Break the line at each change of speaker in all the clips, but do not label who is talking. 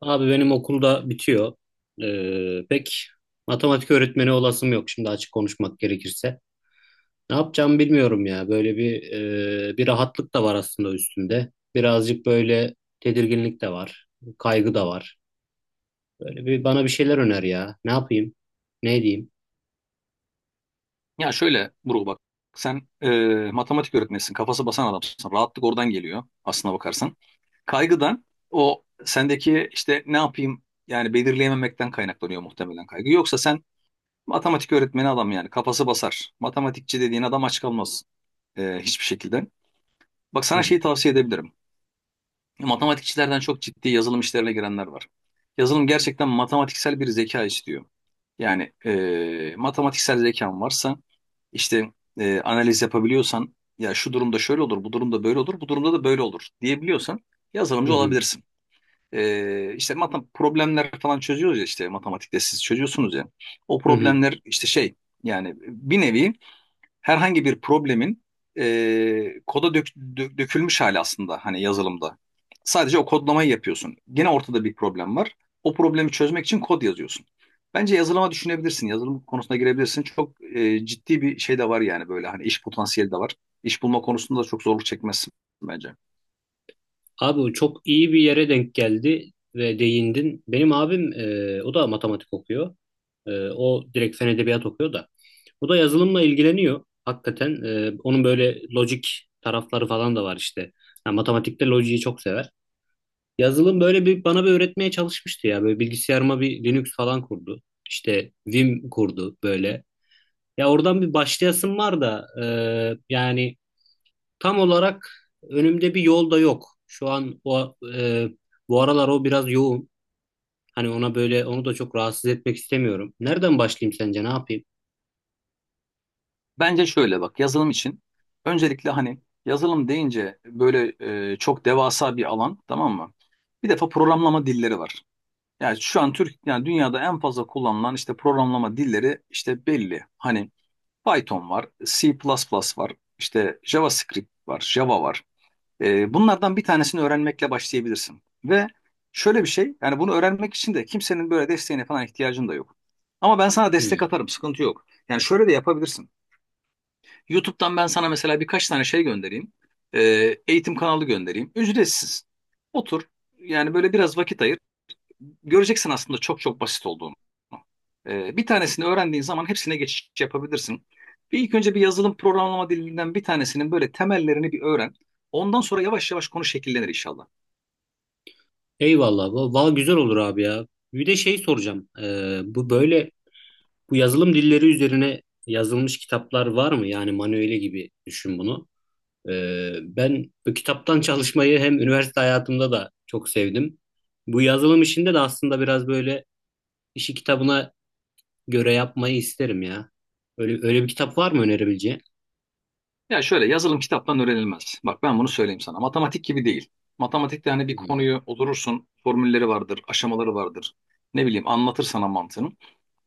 Abi benim okulda bitiyor. Pek matematik öğretmeni olasım yok şimdi açık konuşmak gerekirse. Ne yapacağımı bilmiyorum ya. Böyle bir bir rahatlık da var aslında üstünde. Birazcık böyle tedirginlik de var. Kaygı da var. Böyle bir bana bir şeyler öner ya. Ne yapayım? Ne edeyim?
Ya şöyle Buruk, bak sen matematik öğretmenisin, kafası basan adamsın, rahatlık oradan geliyor aslına bakarsan. Kaygıdan o sendeki işte ne yapayım yani belirleyememekten kaynaklanıyor muhtemelen kaygı. Yoksa sen matematik öğretmeni adam, yani kafası basar, matematikçi dediğin adam aç kalmaz hiçbir şekilde. Bak,
Hı
sana şeyi
hı.
tavsiye edebilirim. Matematikçilerden çok ciddi yazılım işlerine girenler var. Yazılım gerçekten matematiksel bir zeka istiyor. Yani matematiksel zekan varsa işte analiz yapabiliyorsan, ya şu durumda şöyle olur, bu durumda böyle olur, bu durumda da böyle olur diyebiliyorsan
Hı
yazılımcı
hı.
olabilirsin. İşte matem problemler falan çözüyoruz ya, işte matematikte siz çözüyorsunuz ya. O
Hı hı.
problemler işte şey, yani bir nevi herhangi bir problemin dökülmüş hali aslında hani yazılımda. Sadece o kodlamayı yapıyorsun. Gene ortada bir problem var. O problemi çözmek için kod yazıyorsun. Bence yazılıma düşünebilirsin. Yazılım konusuna girebilirsin. Çok ciddi bir şey de var, yani böyle hani iş potansiyeli de var. İş bulma konusunda da çok zorluk çekmezsin bence.
Abi bu çok iyi bir yere denk geldi ve değindin. Benim abim o da matematik okuyor. O direkt fen edebiyat okuyor da. O da yazılımla ilgileniyor. Hakikaten onun böyle lojik tarafları falan da var işte. Yani matematikte lojiyi çok sever. Yazılım böyle bir bana bir öğretmeye çalışmıştı ya. Böyle bilgisayarıma bir Linux falan kurdu. İşte Vim kurdu böyle. Ya oradan bir başlayasım var da yani tam olarak önümde bir yol da yok. Şu an bu aralar o biraz yoğun. Hani ona böyle onu da çok rahatsız etmek istemiyorum. Nereden başlayayım sence? Ne yapayım?
Bence şöyle bak, yazılım için öncelikle hani yazılım deyince böyle çok devasa bir alan, tamam mı? Bir defa programlama dilleri var. Yani şu an Türk, yani dünyada en fazla kullanılan işte programlama dilleri işte belli. Hani Python var, C++ var, işte JavaScript var, Java var. Bunlardan bir tanesini öğrenmekle başlayabilirsin. Ve şöyle bir şey, yani bunu öğrenmek için de kimsenin böyle desteğine falan ihtiyacın da yok. Ama ben sana destek
Hmm.
atarım, sıkıntı yok. Yani şöyle de yapabilirsin. YouTube'dan ben sana mesela birkaç tane şey göndereyim. Ee, eğitim kanalı göndereyim. Ücretsiz. Otur, yani böyle biraz vakit ayır, göreceksin aslında çok çok basit olduğunu. Bir tanesini öğrendiğin zaman hepsine geçiş yapabilirsin. Bir ilk önce bir yazılım programlama dilinden bir tanesinin böyle temellerini bir öğren. Ondan sonra yavaş yavaş konu şekillenir inşallah.
Eyvallah. Valla güzel olur abi ya. Bir de şey soracağım. Bu böyle bu yazılım dilleri üzerine yazılmış kitaplar var mı? Yani manueli gibi düşün bunu. E, Ben bu kitaptan çalışmayı hem üniversite hayatımda da çok sevdim. Bu yazılım işinde de aslında biraz böyle işi kitabına göre yapmayı isterim ya. Öyle, öyle bir kitap var mı önerebileceğin?
Ya şöyle, yazılım kitaptan öğrenilmez. Bak, ben bunu söyleyeyim sana. Matematik gibi değil. Matematikte hani bir
Hmm.
konuyu oturursun, formülleri vardır, aşamaları vardır. Ne bileyim, anlatır sana mantığını.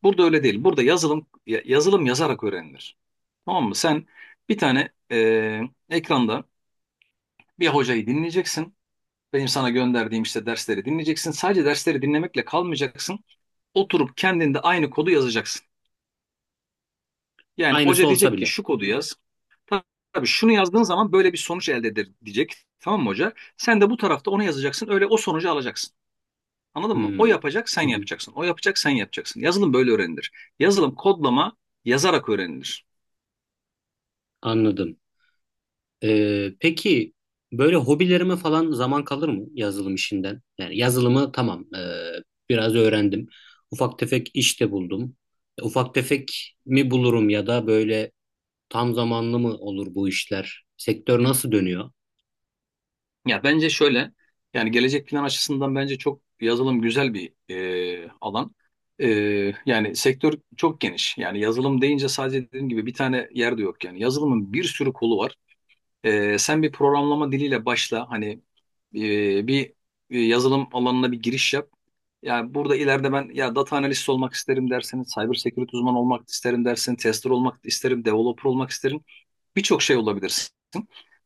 Burada öyle değil. Burada yazılım yazılım yazarak öğrenilir. Tamam mı? Sen bir tane ekranda bir hocayı dinleyeceksin. Benim sana gönderdiğim işte dersleri dinleyeceksin. Sadece dersleri dinlemekle kalmayacaksın. Oturup kendinde aynı kodu yazacaksın. Yani
Aynısı
hoca
olsa
diyecek ki
bile.
şu kodu yaz. Ta- Tabii şunu yazdığın zaman böyle bir sonuç elde eder diyecek. Tamam mı hoca? Sen de bu tarafta onu yazacaksın. Öyle o sonucu alacaksın. Anladın mı? O
Hmm.
yapacak, sen
Hı hı.
yapacaksın. O yapacak, sen yapacaksın. Yazılım böyle öğrenilir. Yazılım kodlama yazarak öğrenilir.
Anladım. Peki böyle hobilerime falan zaman kalır mı yazılım işinden? Yani yazılımı tamam, biraz öğrendim. Ufak tefek iş de buldum. Ufak tefek mi bulurum ya da böyle tam zamanlı mı olur bu işler? Sektör nasıl dönüyor?
Ya bence şöyle, yani gelecek plan açısından bence çok yazılım güzel bir alan. E, yani sektör çok geniş. Yani yazılım deyince sadece dediğim gibi bir tane yer de yok yani. Yazılımın bir sürü kolu var. Sen bir programlama diliyle başla. Hani bir yazılım alanına bir giriş yap. Yani burada ileride ben ya data analist olmak isterim dersin, cyber security uzmanı olmak isterim dersin, tester olmak isterim, developer olmak isterim. Birçok şey olabilirsin.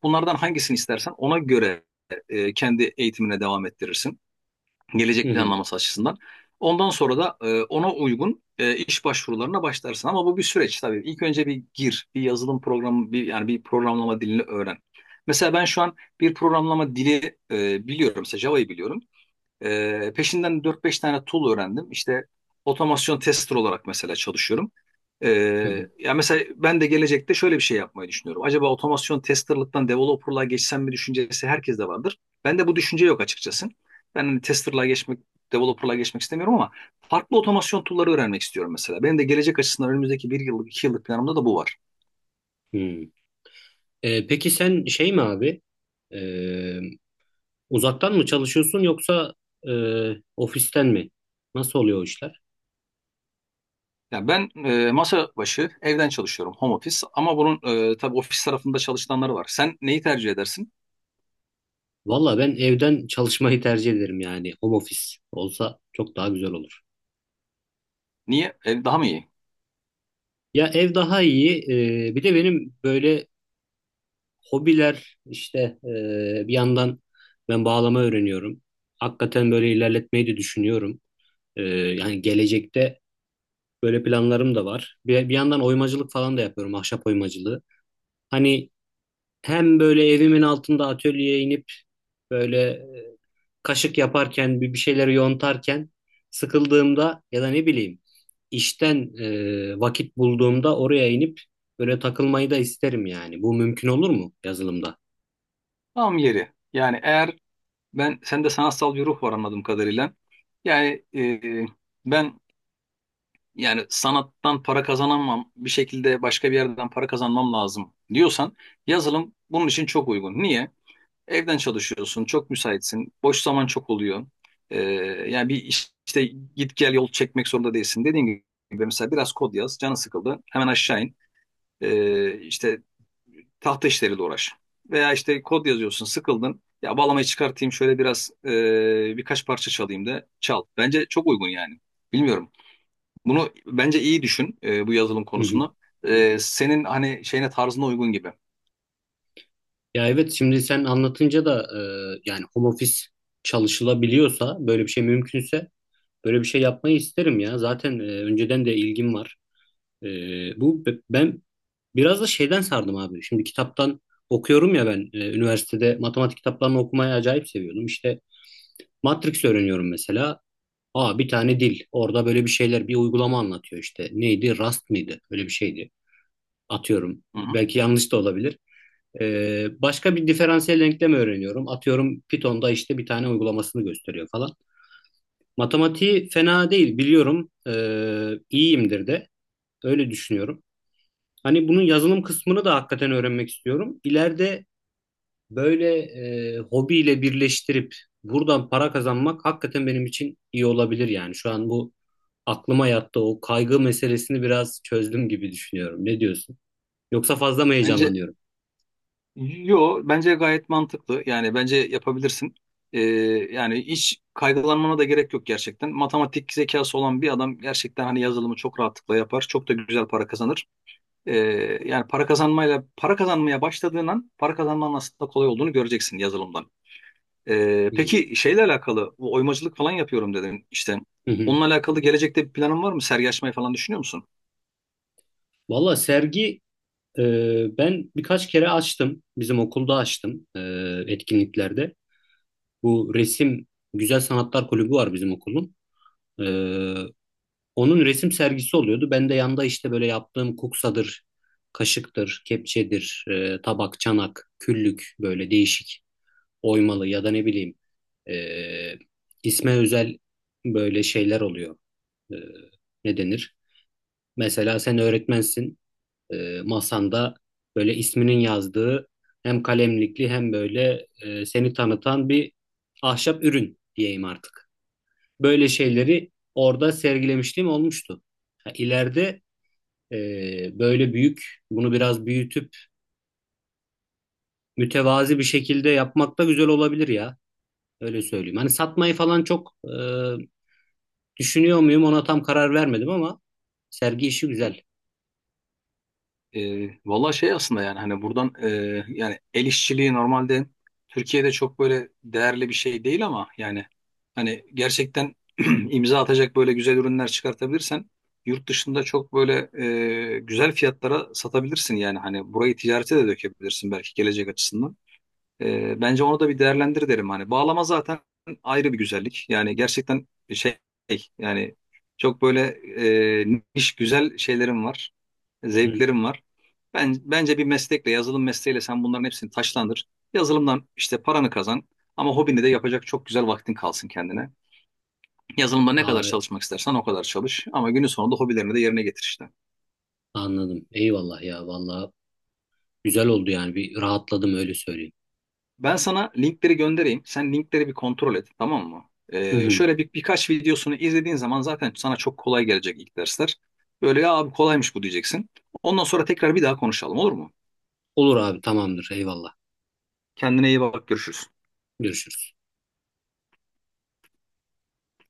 Bunlardan hangisini istersen ona göre kendi eğitimine devam ettirirsin
Hı
gelecek
hı.
planlaması açısından. Ondan sonra da ona uygun iş başvurularına başlarsın. Ama bu bir süreç tabii. İlk önce bir gir, bir yazılım programı, bir yani bir programlama dilini öğren. Mesela ben şu an bir programlama dili biliyorum. Mesela Java'yı biliyorum. Peşinden dört beş tane tool öğrendim. İşte otomasyon tester olarak mesela çalışıyorum.
Hı hı.
Ya mesela ben de gelecekte şöyle bir şey yapmayı düşünüyorum. Acaba otomasyon testerlıktan developerlığa geçsem mi düşüncesi herkeste vardır. Bende bu düşünce yok açıkçası. Ben hani testerlığa geçmek, developerlığa geçmek istemiyorum ama farklı otomasyon tool'ları öğrenmek istiyorum mesela. Benim de gelecek açısından önümüzdeki bir yıllık, iki yıllık planımda da bu var.
Hı. Peki sen şey mi abi? E, Uzaktan mı çalışıyorsun yoksa e, ofisten mi? Nasıl oluyor o işler?
Yani ben masa başı evden çalışıyorum, home office. Ama bunun tabii ofis tarafında çalışanları var. Sen neyi tercih edersin?
Valla ben evden çalışmayı tercih ederim yani. Home office olsa çok daha güzel olur.
Niye? Daha mı iyi?
Ya ev daha iyi. Bir de benim böyle hobiler işte, bir yandan ben bağlama öğreniyorum. Hakikaten böyle ilerletmeyi de düşünüyorum. Yani gelecekte böyle planlarım da var. Bir, bir yandan oymacılık falan da yapıyorum. Ahşap oymacılığı. Hani hem böyle evimin altında atölyeye inip böyle, kaşık yaparken bir şeyleri yontarken sıkıldığımda ya da ne bileyim işten vakit bulduğumda oraya inip böyle takılmayı da isterim yani. Bu mümkün olur mu yazılımda?
Tam yeri. Yani eğer ben, sende sanatsal bir ruh var anladığım kadarıyla. Yani ben, yani sanattan para kazanamam, bir şekilde başka bir yerden para kazanmam lazım diyorsan yazılım bunun için çok uygun. Niye? Evden çalışıyorsun, çok müsaitsin, boş zaman çok oluyor. E, yani bir işte git gel yol çekmek zorunda değilsin. Dediğim gibi mesela biraz kod yaz, canın sıkıldı, hemen aşağı in. İşte tahta işleriyle uğraş. Veya işte kod yazıyorsun, sıkıldın. Ya bağlamayı çıkartayım, şöyle biraz birkaç parça çalayım da çal. Bence çok uygun yani. Bilmiyorum. Bunu bence iyi düşün, bu yazılım
Hı hı.
konusunu. Senin hani şeyine tarzına uygun gibi.
Ya evet, şimdi sen anlatınca da yani home office çalışılabiliyorsa, böyle bir şey mümkünse böyle bir şey yapmayı isterim ya. Zaten önceden de ilgim var. E, Ben biraz da şeyden sardım abi. Şimdi kitaptan okuyorum ya ben, üniversitede matematik kitaplarını okumayı acayip seviyordum. İşte Matrix öğreniyorum mesela. Aa, bir tane dil. Orada böyle bir şeyler, bir uygulama anlatıyor işte. Neydi? Rust mıydı? Öyle bir şeydi. Atıyorum.
Hı hı.
Belki yanlış da olabilir. Başka bir diferansiyel denklem öğreniyorum. Atıyorum Python'da işte bir tane uygulamasını gösteriyor falan. Matematiği fena değil biliyorum. İyiyimdir de. Öyle düşünüyorum. Hani bunun yazılım kısmını da hakikaten öğrenmek istiyorum. İleride böyle hobiyle birleştirip buradan para kazanmak hakikaten benim için iyi olabilir yani. Şu an bu aklıma yattı, o kaygı meselesini biraz çözdüm gibi düşünüyorum. Ne diyorsun? Yoksa fazla mı
Bence,
heyecanlanıyorum?
yo bence gayet mantıklı. Yani bence yapabilirsin. E, yani hiç kaygılanmana da gerek yok gerçekten. Matematik zekası olan bir adam gerçekten hani yazılımı çok rahatlıkla yapar. Çok da güzel para kazanır. Ee, yani para kazanmayla, para kazanmaya başladığın an para kazanmanın aslında kolay olduğunu göreceksin yazılımdan.
Hmm.
Peki şeyle alakalı, bu oymacılık falan yapıyorum dedim işte. Onunla alakalı gelecekte bir planın var mı? Sergi açmayı falan düşünüyor musun?
Valla sergi, e, ben birkaç kere açtım. Bizim okulda açtım, etkinliklerde. Bu resim, Güzel Sanatlar Kulübü var bizim okulun. E, Onun resim sergisi oluyordu. Ben de yanda işte böyle yaptığım kuksadır, kaşıktır, kepçedir, tabak, çanak, küllük, böyle değişik oymalı ya da ne bileyim e, isme özel böyle şeyler oluyor. E, Ne denir? Mesela sen öğretmensin. Masanda böyle isminin yazdığı hem kalemlikli hem böyle, seni tanıtan bir ahşap ürün diyeyim artık. Böyle şeyleri orada sergilemişliğim olmuştu. Ha, İleride böyle büyük, bunu biraz büyütüp mütevazi bir şekilde yapmak da güzel olabilir ya. Öyle söyleyeyim. Hani satmayı falan çok düşünüyor muyum ona tam karar vermedim ama sergi işi güzel.
Valla şey aslında, yani hani buradan yani el işçiliği normalde Türkiye'de çok böyle değerli bir şey değil ama yani hani gerçekten imza atacak böyle güzel ürünler çıkartabilirsen yurt dışında çok böyle güzel fiyatlara satabilirsin, yani hani burayı ticarete de dökebilirsin belki gelecek açısından. Bence onu da bir değerlendir derim hani. Bağlama zaten ayrı bir güzellik. Yani gerçekten şey, yani çok böyle niş güzel şeylerim var.
Hı hı.
Zevklerim var. Bence bir meslekle, yazılım mesleğiyle sen bunların hepsini taşlandır. Yazılımdan işte paranı kazan ama hobini de yapacak çok güzel vaktin kalsın kendine. Yazılımda ne kadar
Abi
çalışmak istersen o kadar çalış ama günün sonunda hobilerini de yerine getir işte.
anladım. Eyvallah ya, vallahi güzel oldu yani, bir rahatladım öyle söyleyeyim.
Ben sana linkleri göndereyim. Sen linkleri bir kontrol et, tamam mı?
Hı hı.
Şöyle bir birkaç videosunu izlediğin zaman zaten sana çok kolay gelecek ilk dersler. Böyle, ya abi kolaymış bu diyeceksin. Ondan sonra tekrar bir daha konuşalım, olur mu?
Olur abi, tamamdır, eyvallah.
Kendine iyi bak, görüşürüz.
Görüşürüz.